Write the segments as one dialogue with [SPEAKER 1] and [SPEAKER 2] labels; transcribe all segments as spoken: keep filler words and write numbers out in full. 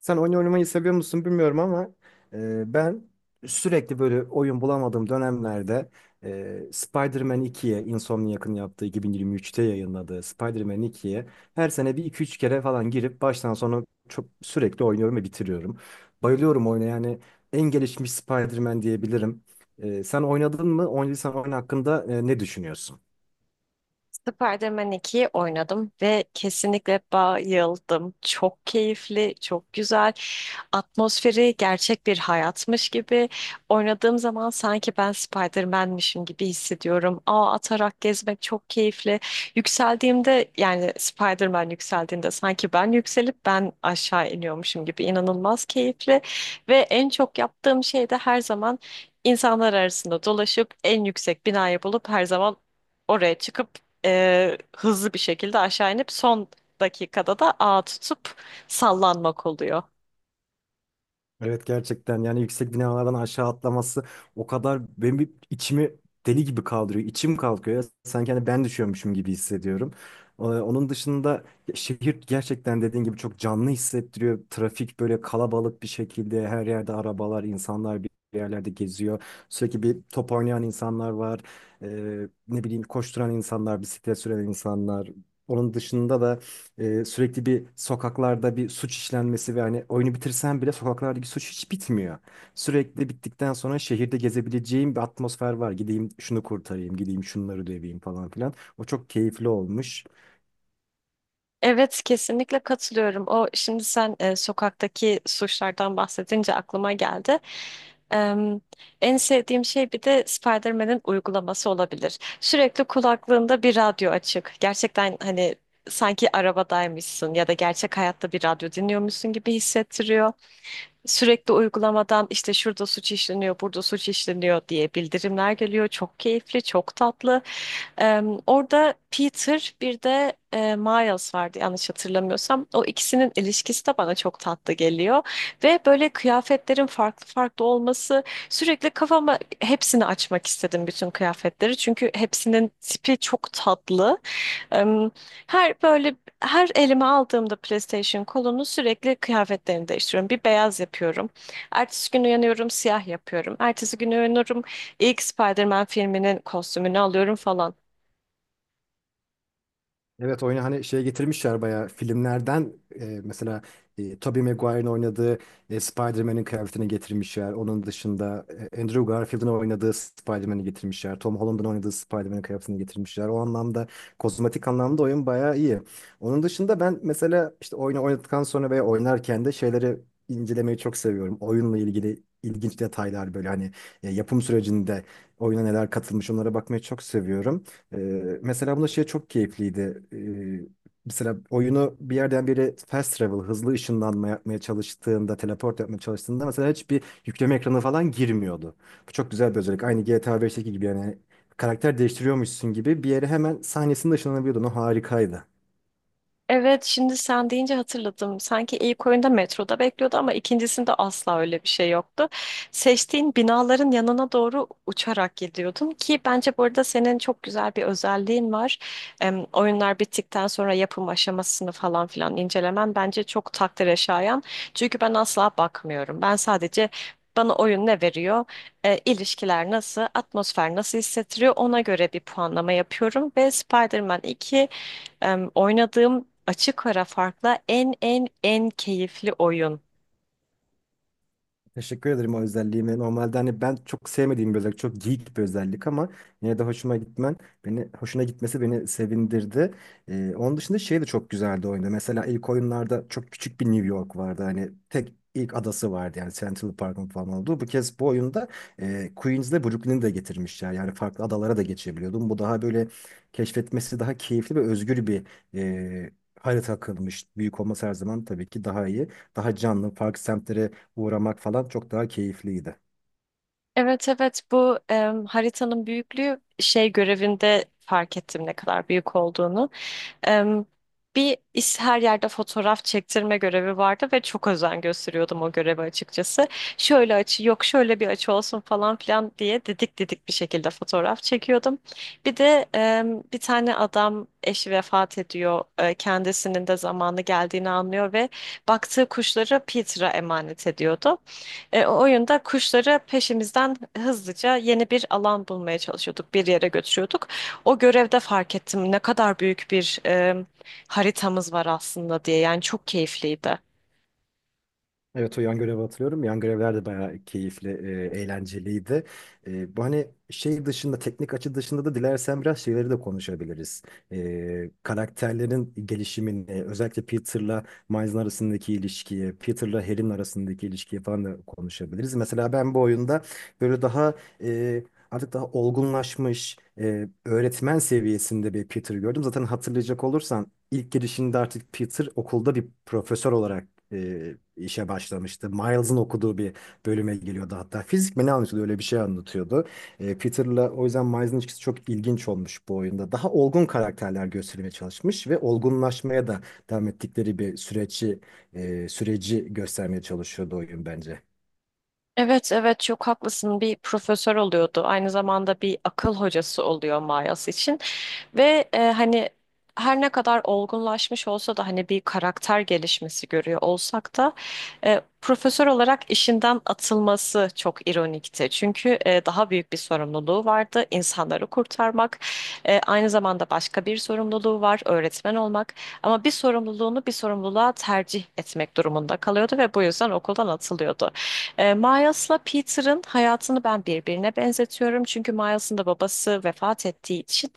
[SPEAKER 1] Sen oyun oynamayı seviyor musun bilmiyorum ama e, ben sürekli böyle oyun bulamadığım dönemlerde e, Spider-Man ikiye Insomniac'ın yaptığı iki bin yirmi üçte yayınladığı Spider-Man ikiye her sene bir iki üç kere falan girip baştan sona çok sürekli oynuyorum ve bitiriyorum. Bayılıyorum oyuna yani en gelişmiş Spider-Man diyebilirim. E, sen oynadın mı? Oynadıysan oyun hakkında e, ne düşünüyorsun?
[SPEAKER 2] Spider-Man ikiyi oynadım ve kesinlikle bayıldım. Çok keyifli, çok güzel. Atmosferi gerçek bir hayatmış gibi. Oynadığım zaman sanki ben Spider-Man'mişim gibi hissediyorum. Ağ atarak gezmek çok keyifli. Yükseldiğimde yani Spider-Man yükseldiğinde sanki ben yükselip ben aşağı iniyormuşum gibi inanılmaz keyifli. Ve en çok yaptığım şey de her zaman insanlar arasında dolaşıp en yüksek binayı bulup her zaman oraya çıkıp e, hızlı bir şekilde aşağı inip son dakikada da ağa tutup sallanmak oluyor.
[SPEAKER 1] Evet, gerçekten yani yüksek binalardan aşağı atlaması o kadar benim bir içimi deli gibi kaldırıyor. İçim kalkıyor ya. Sanki hani ben düşüyormuşum gibi hissediyorum. Ee, Onun dışında şehir gerçekten dediğin gibi çok canlı hissettiriyor. Trafik böyle kalabalık bir şekilde her yerde arabalar, insanlar bir yerlerde geziyor. Sürekli bir top oynayan insanlar var. Ee, ne bileyim, koşturan insanlar, bisiklet süren insanlar. Onun dışında da ee, sürekli bir sokaklarda bir suç işlenmesi ve hani oyunu bitirsen bile sokaklardaki suç hiç bitmiyor. Sürekli bittikten sonra şehirde gezebileceğim bir atmosfer var. Gideyim şunu kurtarayım, gideyim şunları döveyim falan filan. O çok keyifli olmuş.
[SPEAKER 2] Evet, kesinlikle katılıyorum. O şimdi sen e, sokaktaki suçlardan bahsedince aklıma geldi. Em, En sevdiğim şey bir de Spider-Man'in uygulaması olabilir. Sürekli kulaklığında bir radyo açık. Gerçekten hani sanki arabadaymışsın ya da gerçek hayatta bir radyo dinliyormuşsun gibi hissettiriyor. Sürekli uygulamadan işte şurada suç işleniyor, burada suç işleniyor diye bildirimler geliyor. Çok keyifli, çok tatlı. Ee, Orada Peter bir de e, Miles vardı yanlış hatırlamıyorsam. O ikisinin ilişkisi de bana çok tatlı geliyor. Ve böyle kıyafetlerin farklı farklı olması sürekli kafama hepsini açmak istedim bütün kıyafetleri. Çünkü hepsinin tipi çok tatlı. Ee, Her böyle her elime aldığımda PlayStation kolunu sürekli kıyafetlerini değiştiriyorum. Bir beyaz yapıyorum. Ertesi gün uyanıyorum siyah yapıyorum. Ertesi gün uyanıyorum ilk Spider-Man filminin kostümünü alıyorum falan.
[SPEAKER 1] Evet, oyunu hani şey getirmişler bayağı filmlerden e, mesela e, Tobey Maguire'ın oynadığı e, Spider-Man'in kıyafetini getirmişler. Onun dışında e, Andrew Garfield'ın oynadığı Spider-Man'i getirmişler. Tom Holland'ın oynadığı Spider-Man'in kıyafetini getirmişler. O anlamda kozmetik anlamda oyun bayağı iyi. Onun dışında ben mesela işte oyunu oynadıktan sonra veya oynarken de şeyleri incelemeyi çok seviyorum. Oyunla ilgili ilginç detaylar böyle hani e, yapım sürecinde oyuna neler katılmış onlara bakmayı çok seviyorum. Ee, Mesela bunda şey çok keyifliydi. Ee, mesela oyunu bir yerden biri fast travel, hızlı ışınlanma yapmaya çalıştığında, teleport yapmaya çalıştığında mesela hiçbir yükleme ekranı falan girmiyordu. Bu çok güzel bir özellik. Aynı G T A beşteki gibi yani karakter değiştiriyormuşsun gibi bir yere hemen sahnesinde ışınlanabiliyordun. O harikaydı.
[SPEAKER 2] Evet, şimdi sen deyince hatırladım. Sanki ilk oyunda metroda bekliyordu ama ikincisinde asla öyle bir şey yoktu. Seçtiğin binaların yanına doğru uçarak gidiyordun ki bence burada senin çok güzel bir özelliğin var. Em, oyunlar bittikten sonra yapım aşamasını falan filan incelemen bence çok takdire şayan. Çünkü ben asla bakmıyorum. Ben sadece bana oyun ne veriyor, e, ilişkiler nasıl, atmosfer nasıl hissettiriyor ona göre bir puanlama yapıyorum ve Spider-Man iki em, oynadığım açık ara farkla en en en keyifli oyun.
[SPEAKER 1] Teşekkür ederim o özelliğime. Normalde hani ben çok sevmediğim bir özellik, çok geek bir özellik ama yine de hoşuma gitmen, beni hoşuna gitmesi beni sevindirdi. Ee, onun dışında şey de çok güzeldi oyunda. Mesela ilk oyunlarda çok küçük bir New York vardı. Hani tek ilk adası vardı yani Central Park'ın falan olduğu. Bu kez bu oyunda e, Queens'le Brooklyn'i de getirmişler. Yani farklı adalara da geçebiliyordum. Bu daha böyle keşfetmesi daha keyifli ve özgür bir e, harita akılmış. Büyük olması her zaman tabii ki daha iyi. Daha canlı, farklı semtlere uğramak falan çok daha keyifliydi.
[SPEAKER 2] Evet, evet, bu em, haritanın büyüklüğü şey görevinde fark ettim ne kadar büyük olduğunu. Em, Bir iş her yerde fotoğraf çektirme görevi vardı ve çok özen gösteriyordum o göreve açıkçası. Şöyle açı yok şöyle bir açı olsun falan filan diye didik didik bir şekilde fotoğraf çekiyordum. Bir de em, bir tane adam eşi vefat ediyor. E, kendisinin de zamanı geldiğini anlıyor ve baktığı kuşları Peter'a emanet ediyordu. E, o oyunda kuşları peşimizden hızlıca yeni bir alan bulmaya çalışıyorduk. Bir yere götürüyorduk. O görevde fark ettim ne kadar büyük bir e, haritamız var aslında diye. Yani çok keyifliydi.
[SPEAKER 1] Evet, o yan görevi hatırlıyorum. Yan görevler de bayağı keyifli, e, eğlenceliydi. E, bu hani şey dışında, teknik açı dışında da dilersen biraz şeyleri de konuşabiliriz. E, karakterlerin gelişimini, özellikle Peter'la Miles'ın arasındaki ilişkiyi, Peter'la Harry'nin arasındaki ilişkiyi falan da konuşabiliriz. Mesela ben bu oyunda böyle daha e, artık daha olgunlaşmış, e, öğretmen seviyesinde bir Peter gördüm. Zaten hatırlayacak olursan İlk girişinde artık Peter okulda bir profesör olarak e, işe başlamıştı. Miles'ın okuduğu bir bölüme geliyordu hatta. Fizik mi ne anlatıyordu, öyle bir şey anlatıyordu. E, Peter'la o yüzden Miles'ın ilişkisi çok ilginç olmuş bu oyunda. Daha olgun karakterler göstermeye çalışmış ve olgunlaşmaya da devam ettikleri bir süreci e, süreci göstermeye çalışıyordu oyun bence.
[SPEAKER 2] Evet, evet, çok haklısın, bir profesör oluyordu aynı zamanda bir akıl hocası oluyor Mayas için ve e, hani her ne kadar olgunlaşmış olsa da hani bir karakter gelişmesi görüyor olsak da e, profesör olarak işinden atılması çok ironikti çünkü e, daha büyük bir sorumluluğu vardı insanları kurtarmak. E, aynı zamanda başka bir sorumluluğu var öğretmen olmak ama bir sorumluluğunu bir sorumluluğa tercih etmek durumunda kalıyordu ve bu yüzden okuldan atılıyordu. E, Miles'la Peter'ın hayatını ben birbirine benzetiyorum. Çünkü Miles'ın da babası vefat ettiği için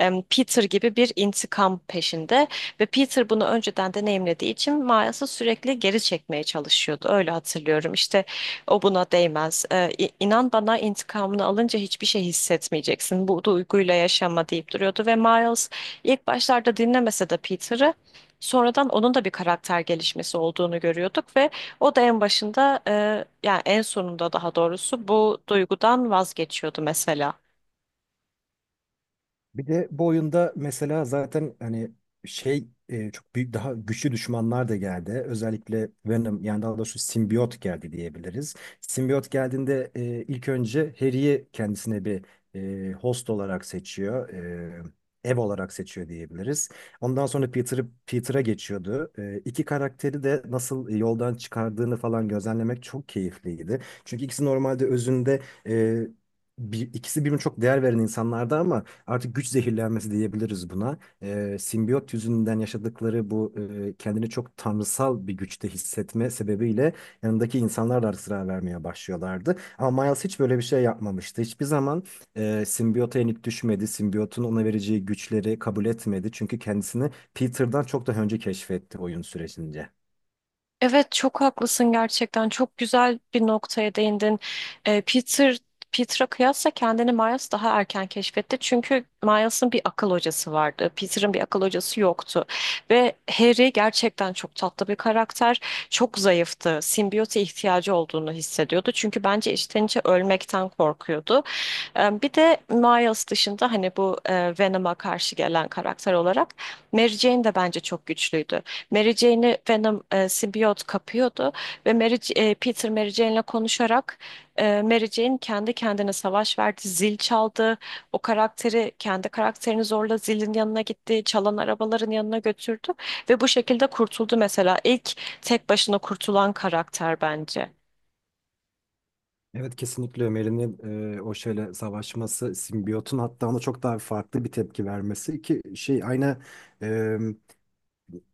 [SPEAKER 2] e, Peter gibi bir intikam peşinde ve Peter bunu önceden deneyimlediği için Miles'ı sürekli geri çekmeye çalışıyordu. Öyle hatırlıyorum. İşte o buna değmez. E, inan bana intikamını alınca hiçbir şey hissetmeyeceksin. Bu duyguyla yaşama deyip duruyordu ve Miles ilk başlarda dinlemese de Peter'ı, sonradan onun da bir karakter gelişmesi olduğunu görüyorduk ve o da en başında e, yani en sonunda daha doğrusu bu duygudan vazgeçiyordu mesela.
[SPEAKER 1] Bir de bu oyunda mesela zaten hani şey e, çok büyük daha güçlü düşmanlar da geldi. Özellikle Venom, yani daha doğrusu simbiyot geldi diyebiliriz. Simbiyot geldiğinde e, ilk önce Harry'i kendisine bir e, host olarak seçiyor. E, ev olarak seçiyor diyebiliriz. Ondan sonra Peter'ı Peter'a geçiyordu. E, iki karakteri de nasıl yoldan çıkardığını falan gözlemlemek çok keyifliydi. Çünkü ikisi normalde özünde e, bir, ikisi birbirine çok değer veren insanlardı ama artık güç zehirlenmesi diyebiliriz buna. Ee, simbiyot yüzünden yaşadıkları bu e, kendini çok tanrısal bir güçte hissetme sebebiyle yanındaki insanlar da artık zarar vermeye başlıyorlardı. Ama Miles hiç böyle bir şey yapmamıştı. Hiçbir zaman e, simbiyota yenik düşmedi. Simbiyotun ona vereceği güçleri kabul etmedi. Çünkü kendisini Peter'dan çok daha önce keşfetti oyun sürecince.
[SPEAKER 2] Evet, çok haklısın gerçekten. Çok güzel bir noktaya değindin. Ee, Peter Peter'a kıyasla kendini Miles daha erken keşfetti. Çünkü Miles'ın bir akıl hocası vardı. Peter'ın bir akıl hocası yoktu. Ve Harry gerçekten çok tatlı bir karakter. Çok zayıftı. Simbiyote ihtiyacı olduğunu hissediyordu. Çünkü bence içten içe ölmekten korkuyordu. Ee, bir de Miles dışında hani bu e, Venom'a karşı gelen karakter olarak Mary Jane de bence çok güçlüydü. Mary Jane'i Venom e, simbiyot kapıyordu ve Mary, e, Peter Mary Jane'le konuşarak e, Mary Jane kendi kendine savaş verdi, zil çaldı. O karakteri kendi karakterini zorla zilin yanına gitti, çalan arabaların yanına götürdü ve bu şekilde kurtuldu mesela. İlk tek başına kurtulan karakter bence.
[SPEAKER 1] Evet, kesinlikle Ömer'in e, o şeyle savaşması, simbiyotun hatta ona çok daha farklı bir tepki vermesi ki şey aynı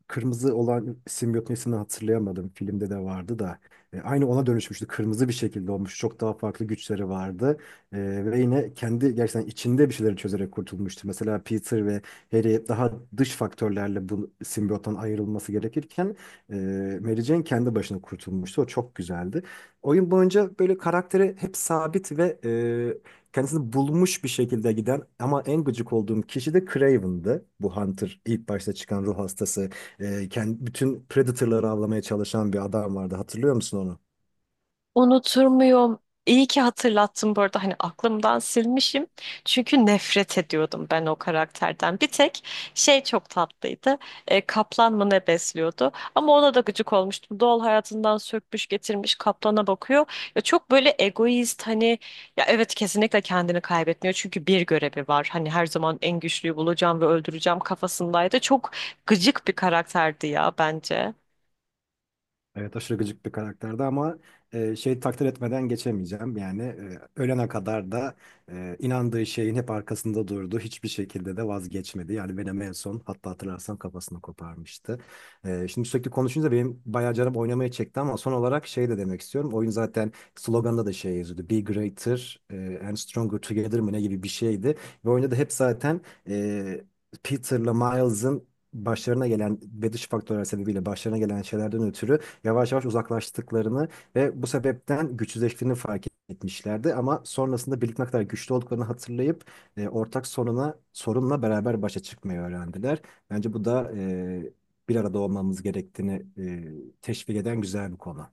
[SPEAKER 1] kırmızı olan simbiyotun ismini hatırlayamadım. Filmde de vardı da. E, aynı ona dönüşmüştü. Kırmızı bir şekilde olmuş. Çok daha farklı güçleri vardı. E, ve yine kendi gerçekten içinde bir şeyleri çözerek kurtulmuştu. Mesela Peter ve Harry daha dış faktörlerle bu simbiyottan ayrılması gerekirken e, Mary Jane kendi başına kurtulmuştu. O çok güzeldi. Oyun boyunca böyle karakteri hep sabit ve e, kendisini bulmuş bir şekilde giden ama en gıcık olduğum kişi de Craven'dı. Bu Hunter ilk başta çıkan ruh hastası e, kendi, bütün Predator'ları avlamaya çalışan bir adam vardı. Hatırlıyor musun onu?
[SPEAKER 2] Unutur muyum? İyi ki hatırlattın bu arada, hani aklımdan silmişim. Çünkü nefret ediyordum ben o karakterden. Bir tek şey çok tatlıydı. E, kaplan mı ne besliyordu? Ama ona da gıcık olmuştum. Doğal hayatından sökmüş getirmiş kaplana bakıyor. Ya çok böyle egoist, hani ya evet, kesinlikle kendini kaybetmiyor. Çünkü bir görevi var. Hani her zaman en güçlüyü bulacağım ve öldüreceğim kafasındaydı. Çok gıcık bir karakterdi ya bence.
[SPEAKER 1] Evet, aşırı gıcık bir karakterdi ama e, şey takdir etmeden geçemeyeceğim. Yani e, ölene kadar da e, inandığı şeyin hep arkasında durdu. Hiçbir şekilde de vazgeçmedi. Yani benim en son, hatta hatırlarsan, kafasını koparmıştı. E, şimdi sürekli konuşunca benim bayağı canım oynamaya çekti ama son olarak şey de demek istiyorum. Oyun zaten sloganında da şey yazıyordu. Be greater e, and stronger together mı ne gibi bir şeydi. Ve oyunda da hep zaten e, Peter'la Miles'ın başlarına gelen ve dış faktörler sebebiyle başlarına gelen şeylerden ötürü yavaş yavaş uzaklaştıklarını ve bu sebepten güçsüzleştiğini fark etmişlerdi. Ama sonrasında birlikte ne kadar güçlü olduklarını hatırlayıp e, ortak soruna, sorunla beraber başa çıkmayı öğrendiler. Bence bu da e, bir arada olmamız gerektiğini e, teşvik eden güzel bir konu.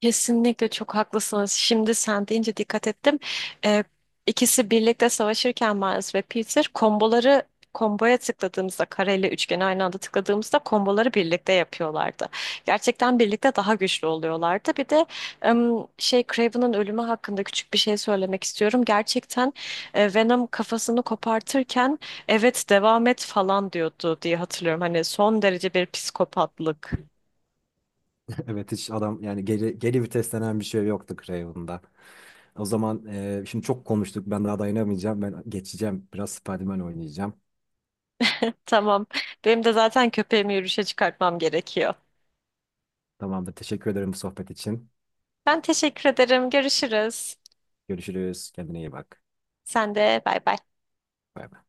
[SPEAKER 2] Kesinlikle çok haklısınız. Şimdi sen deyince dikkat ettim. Ee, ikisi birlikte savaşırken Miles ve Peter komboları komboya tıkladığımızda kareyle üçgeni aynı anda tıkladığımızda komboları birlikte yapıyorlardı. Gerçekten birlikte daha güçlü oluyorlardı. Bir de em, şey Craven'ın ölümü hakkında küçük bir şey söylemek istiyorum. Gerçekten e, Venom kafasını kopartırken evet devam et falan diyordu diye hatırlıyorum. Hani son derece bir psikopatlık.
[SPEAKER 1] Evet, hiç adam yani geri, geri vites denen bir şey yoktu Craven'da. O zaman e, şimdi çok konuştuk. Ben daha dayanamayacağım. Ben geçeceğim. Biraz Spider-Man oynayacağım.
[SPEAKER 2] Tamam. Benim de zaten köpeğimi yürüyüşe çıkartmam gerekiyor.
[SPEAKER 1] Tamamdır. Teşekkür ederim bu sohbet için.
[SPEAKER 2] Ben teşekkür ederim. Görüşürüz.
[SPEAKER 1] Görüşürüz. Kendine iyi bak.
[SPEAKER 2] Sen de bay bay.
[SPEAKER 1] Bay bay.